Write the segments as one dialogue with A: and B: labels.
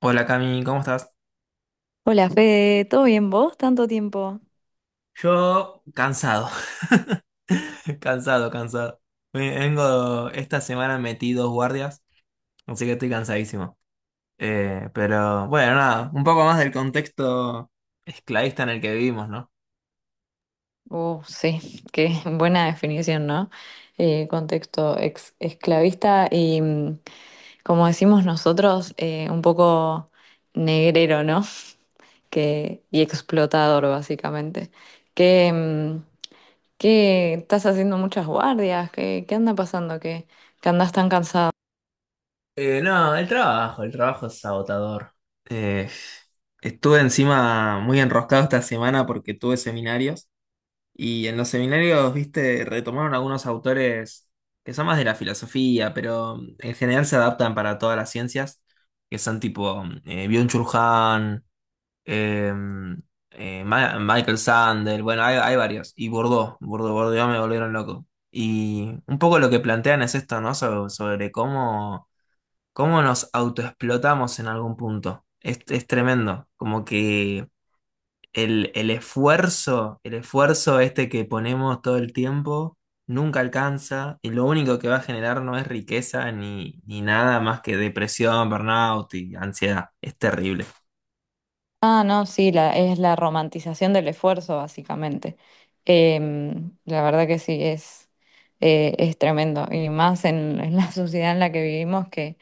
A: Hola Cami, ¿cómo estás?
B: Hola Fede, ¿todo bien vos? ¿Tanto tiempo?
A: Yo cansado, cansado, cansado. Vengo esta semana metí dos guardias, así que estoy cansadísimo. Pero bueno, nada, un poco más del contexto esclavista en el que vivimos, ¿no?
B: Sí, qué buena definición, ¿no? Contexto ex esclavista y, como decimos nosotros, un poco negrero, ¿no? Y explotador, básicamente. Que, mm, que estás haciendo muchas guardias, ¿qué anda pasando? ¿Que andás tan cansado?
A: No, el trabajo es agotador. Eh, Estuve encima muy enroscado esta semana porque tuve seminarios. Y en los seminarios, viste, retomaron algunos autores que son más de la filosofía, pero en general se adaptan para todas las ciencias, que son tipo Byung-Chul Han, eh, Michael Sandel, bueno, hay varios, y Bourdieu, Bourdieu, Bourdieu me volvieron loco. Y un poco lo que plantean es esto, ¿no? Sobre cómo nos autoexplotamos en algún punto. Es tremendo, como que el esfuerzo este que ponemos todo el tiempo, nunca alcanza y lo único que va a generar no es riqueza ni nada más que depresión, burnout y ansiedad. Es terrible.
B: Ah, no, sí, es la romantización del esfuerzo, básicamente. La verdad que sí, es tremendo. Y más en la sociedad en la que vivimos, que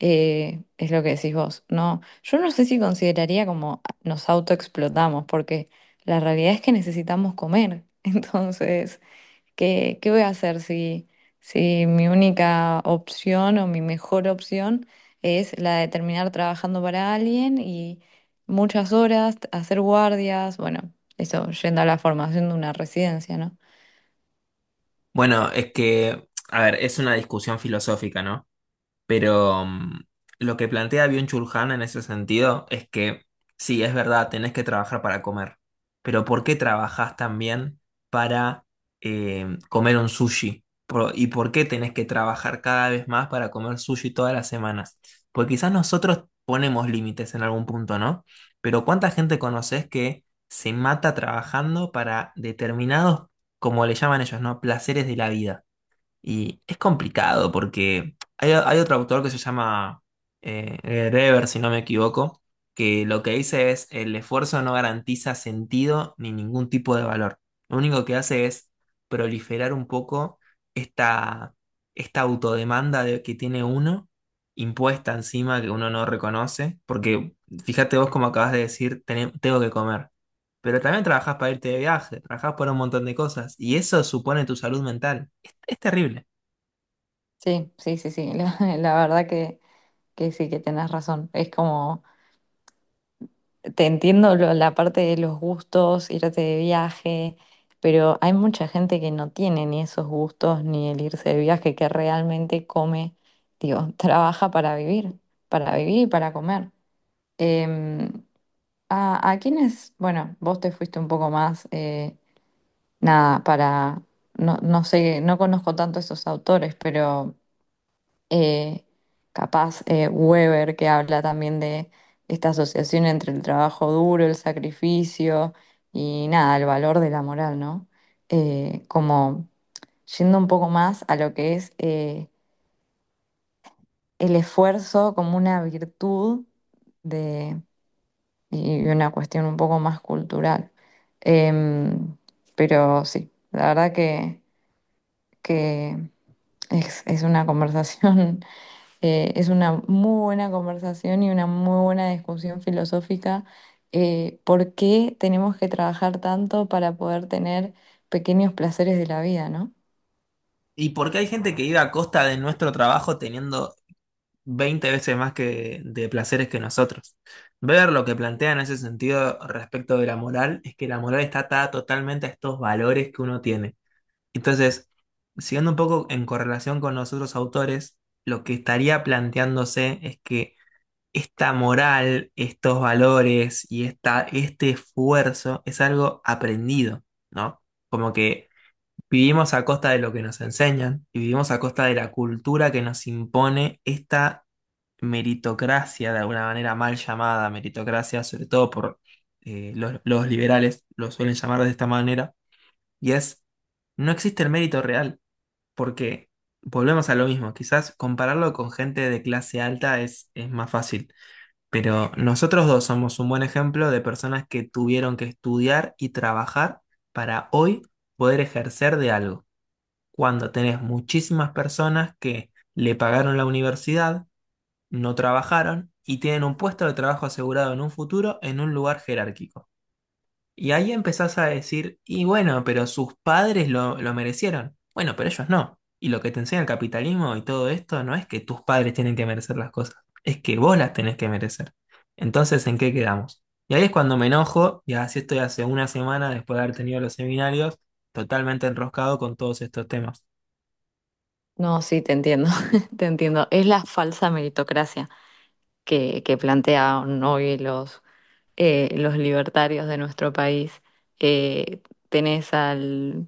B: es lo que decís vos. No, yo no sé si consideraría como nos autoexplotamos, porque la realidad es que necesitamos comer. Entonces, ¿qué voy a hacer si mi única opción o mi mejor opción es la de terminar trabajando para alguien y muchas horas, hacer guardias, bueno, eso, yendo a la formación de una residencia, ¿no?
A: Bueno, es que, a ver, es una discusión filosófica, ¿no? Pero lo que plantea Byung Chulhan en ese sentido es que sí, es verdad, tenés que trabajar para comer, pero ¿por qué trabajás también para comer un sushi? ¿Y por qué tenés que trabajar cada vez más para comer sushi todas las semanas? Porque quizás nosotros ponemos límites en algún punto, ¿no? Pero ¿cuánta gente conoces que se mata trabajando para determinados, como le llaman ellos, ¿no? ¿Placeres de la vida? Y es complicado porque hay otro autor que se llama Dever, si no me equivoco, que lo que dice es el esfuerzo no garantiza sentido ni ningún tipo de valor. Lo único que hace es proliferar un poco esta, esta autodemanda que tiene uno, impuesta encima que uno no reconoce, porque fíjate vos como acabas de decir, Tengo que comer, pero también trabajás para irte de viaje, trabajás para un montón de cosas, y eso supone tu salud mental. Es terrible.
B: Sí, sí, sí, sí, la verdad que sí, que tenés razón. Es como te entiendo la parte de los gustos, irte de viaje, pero hay mucha gente que no tiene ni esos gustos ni el irse de viaje, que realmente come, digo, trabaja para vivir y para comer. Em, a, a quienes, bueno, vos te fuiste un poco más, nada, no, no sé, no conozco tanto esos autores, pero eh, capaz Weber, que habla también de esta asociación entre el trabajo duro, el sacrificio y nada, el valor de la moral, ¿no? Como yendo un poco más a lo que es el esfuerzo como una virtud de, y una cuestión un poco más cultural. Em, pero sí, la verdad que es una conversación. Es una muy buena conversación y una muy buena discusión filosófica. ¿Por qué tenemos que trabajar tanto para poder tener pequeños placeres de la vida, ¿no?
A: ¿Y por qué hay gente que vive a costa de nuestro trabajo teniendo 20 veces más que de placeres que nosotros? Ver lo que plantea en ese sentido respecto de la moral es que la moral está atada totalmente a estos valores que uno tiene. Entonces, siguiendo un poco en correlación con los otros autores, lo que estaría planteándose es que esta moral, estos valores y este esfuerzo es algo aprendido, ¿no? Como que vivimos a costa de lo que nos enseñan y vivimos a costa de la cultura que nos impone esta meritocracia, de alguna manera mal llamada meritocracia, sobre todo por los liberales, lo suelen llamar de esta manera, y es, no existe el mérito real, porque volvemos a lo mismo, quizás compararlo con gente de clase alta es más fácil, pero nosotros dos somos un buen ejemplo de personas que tuvieron que estudiar y trabajar para hoy poder ejercer de algo cuando tenés muchísimas personas que le pagaron la universidad, no trabajaron y tienen un puesto de trabajo asegurado en un futuro en un lugar jerárquico. Y ahí empezás a decir, y bueno, pero sus padres lo merecieron. Bueno, pero ellos no. Y lo que te enseña el capitalismo y todo esto no es que tus padres tienen que merecer las cosas, es que vos las tenés que merecer. Entonces, ¿en qué quedamos? Y ahí es cuando me enojo, y así estoy hace una semana después de haber tenido los seminarios, totalmente enroscado con todos estos temas.
B: No, sí, te entiendo, te entiendo. Es la falsa meritocracia que plantean hoy los libertarios de nuestro país. Eh, Tenés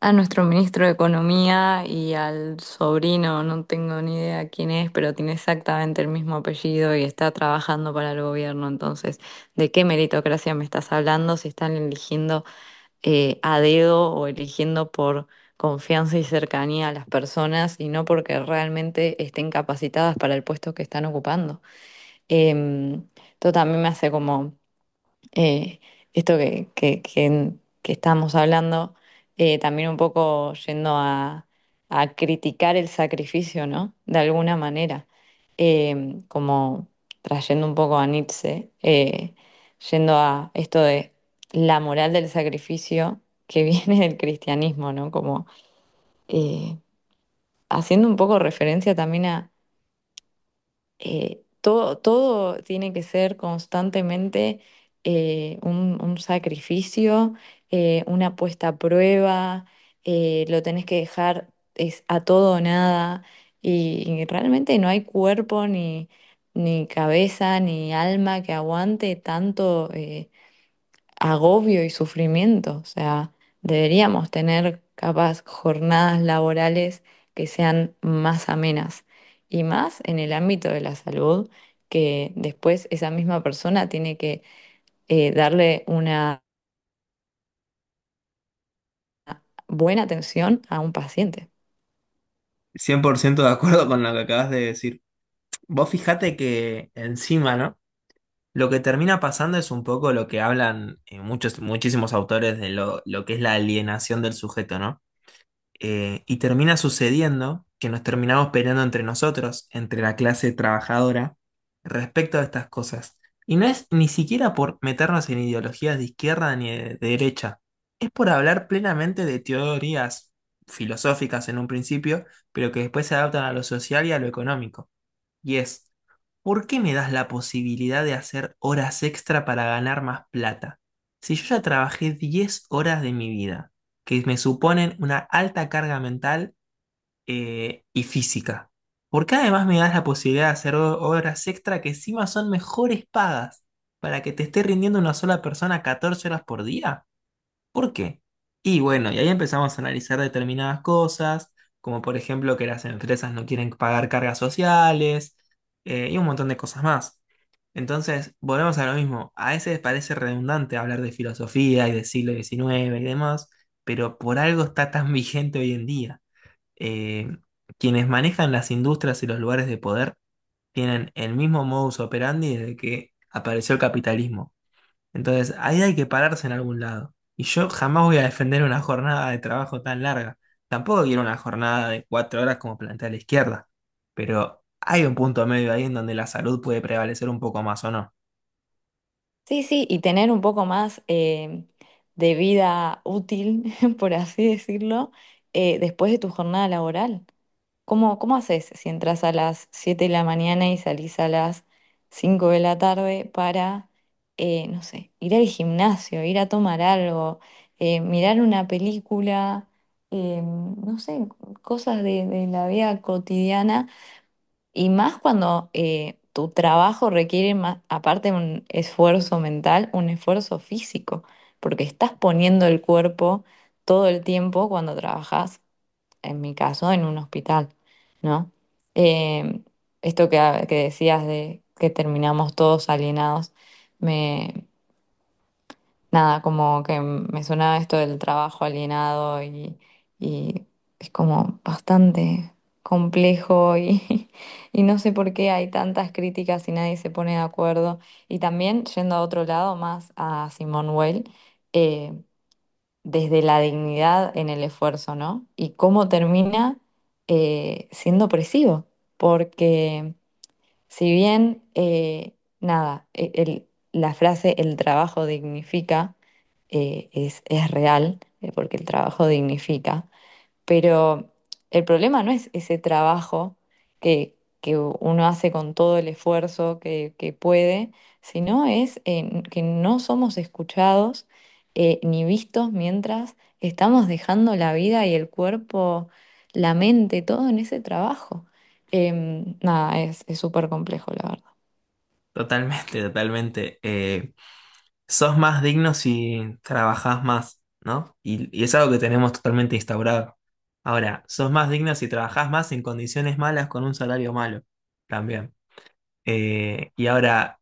B: a nuestro ministro de Economía y al sobrino, no tengo ni idea quién es, pero tiene exactamente el mismo apellido y está trabajando para el gobierno. Entonces, ¿de qué meritocracia me estás hablando si están eligiendo a dedo o eligiendo por confianza y cercanía a las personas y no porque realmente estén capacitadas para el puesto que están ocupando? Em, Esto también me hace como eh, esto que que estábamos hablando, también un poco yendo a criticar el sacrificio, ¿no? De alguna manera, como trayendo un poco a Nietzsche, yendo a esto de la moral del sacrificio que viene del cristianismo, ¿no? Como eh, haciendo un poco referencia también, todo, todo tiene que ser constantemente un sacrificio, una puesta a prueba, lo tenés que dejar, es a todo o nada, y, y realmente no hay cuerpo ni cabeza ni alma que aguante tanto agobio y sufrimiento. O sea, deberíamos tener capaz jornadas laborales que sean más amenas y más en el ámbito de la salud, que después esa misma persona tiene que darle una buena atención a un paciente.
A: 100% de acuerdo con lo que acabas de decir. Vos fijate que encima, ¿no? Lo que termina pasando es un poco lo que hablan muchos, muchísimos autores de lo que es la alienación del sujeto, ¿no? Y termina sucediendo que nos terminamos peleando entre nosotros, entre la clase trabajadora, respecto a estas cosas. Y no es ni siquiera por meternos en ideologías de izquierda ni de derecha, es por hablar plenamente de teorías filosóficas en un principio, pero que después se adaptan a lo social y a lo económico. Y es, ¿por qué me das la posibilidad de hacer horas extra para ganar más plata? Si yo ya trabajé 10 horas de mi vida, que me suponen una alta carga mental y física, ¿por qué además me das la posibilidad de hacer horas extra que encima son mejores pagas para que te esté rindiendo una sola persona 14 horas por día? ¿Por qué? Y bueno, y ahí empezamos a analizar determinadas cosas, como por ejemplo que las empresas no quieren pagar cargas sociales y un montón de cosas más. Entonces, volvemos a lo mismo. A veces parece redundante hablar de filosofía y del siglo XIX y demás, pero por algo está tan vigente hoy en día. Eh, Quienes manejan las industrias y los lugares de poder tienen el mismo modus operandi desde que apareció el capitalismo. Entonces, ahí hay que pararse en algún lado. Y yo jamás voy a defender una jornada de trabajo tan larga. Tampoco quiero una jornada de 4 horas como plantea la izquierda. Pero hay un punto medio ahí en donde la salud puede prevalecer un poco más o no.
B: Sí, sí, y tener un poco más de vida útil, por así decirlo, después de tu jornada laboral. ¿Cómo, cómo haces si entras a las 7 de la mañana y salís a las 5 de la tarde para, no sé, ir al gimnasio, ir a tomar algo, mirar una película, no sé, cosas de la vida cotidiana? Y más cuando tu trabajo requiere más, aparte un esfuerzo mental, un esfuerzo físico, porque estás poniendo el cuerpo todo el tiempo cuando trabajas, en mi caso, en un hospital, ¿no? Eh, Esto que, ah, que decías de que terminamos todos alienados, me, nada, como que me sonaba esto del trabajo alienado y es como bastante complejo, y y no sé por qué hay tantas críticas y nadie se pone de acuerdo. Y también, yendo a otro lado, más a Simone Weil, eh, desde la dignidad en el esfuerzo, ¿no? Y cómo termina siendo opresivo, porque si bien, nada, la frase el trabajo dignifica es real, porque el trabajo dignifica, pero el problema no es ese trabajo que uno hace con todo el esfuerzo que puede, sino es que no somos escuchados ni vistos mientras estamos dejando la vida y el cuerpo, la mente, todo en ese trabajo. Nada, es súper complejo, la verdad.
A: Totalmente, totalmente. Sos más digno si trabajás más, ¿no? Y es algo que tenemos totalmente instaurado. Ahora, sos más digno si trabajás más en condiciones malas con un salario malo. También. Y ahora,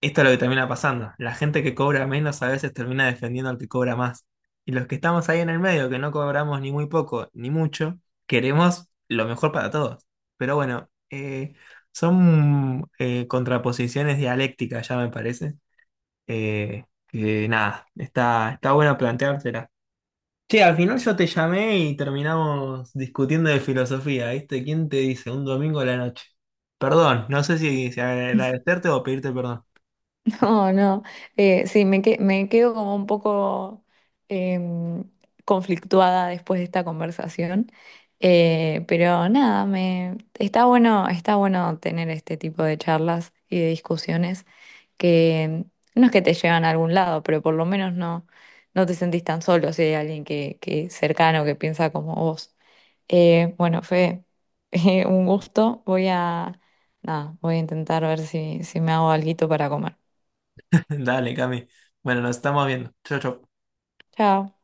A: esto es lo que termina pasando. La gente que cobra menos a veces termina defendiendo al que cobra más. Y los que estamos ahí en el medio, que no cobramos ni muy poco ni mucho, queremos lo mejor para todos. Pero bueno, son contraposiciones dialécticas, ya me parece. Que nada, está bueno planteártela. Che, al final yo te llamé y terminamos discutiendo de filosofía, ¿viste? ¿Quién te dice? Un domingo a la noche. Perdón, no sé si agradecerte o pedirte perdón.
B: Oh, no. Sí, me quedo como un poco em, conflictuada después de esta conversación. Pero nada, me, está bueno tener este tipo de charlas y de discusiones que no es que te llevan a algún lado, pero por lo menos no, no te sentís tan solo si hay alguien que cercano que piensa como vos. Bueno, fue un gusto. Nada, voy a intentar ver si me hago alguito para comer.
A: Dale, Cami. Bueno, nos estamos viendo. Chao, chao.
B: Chao.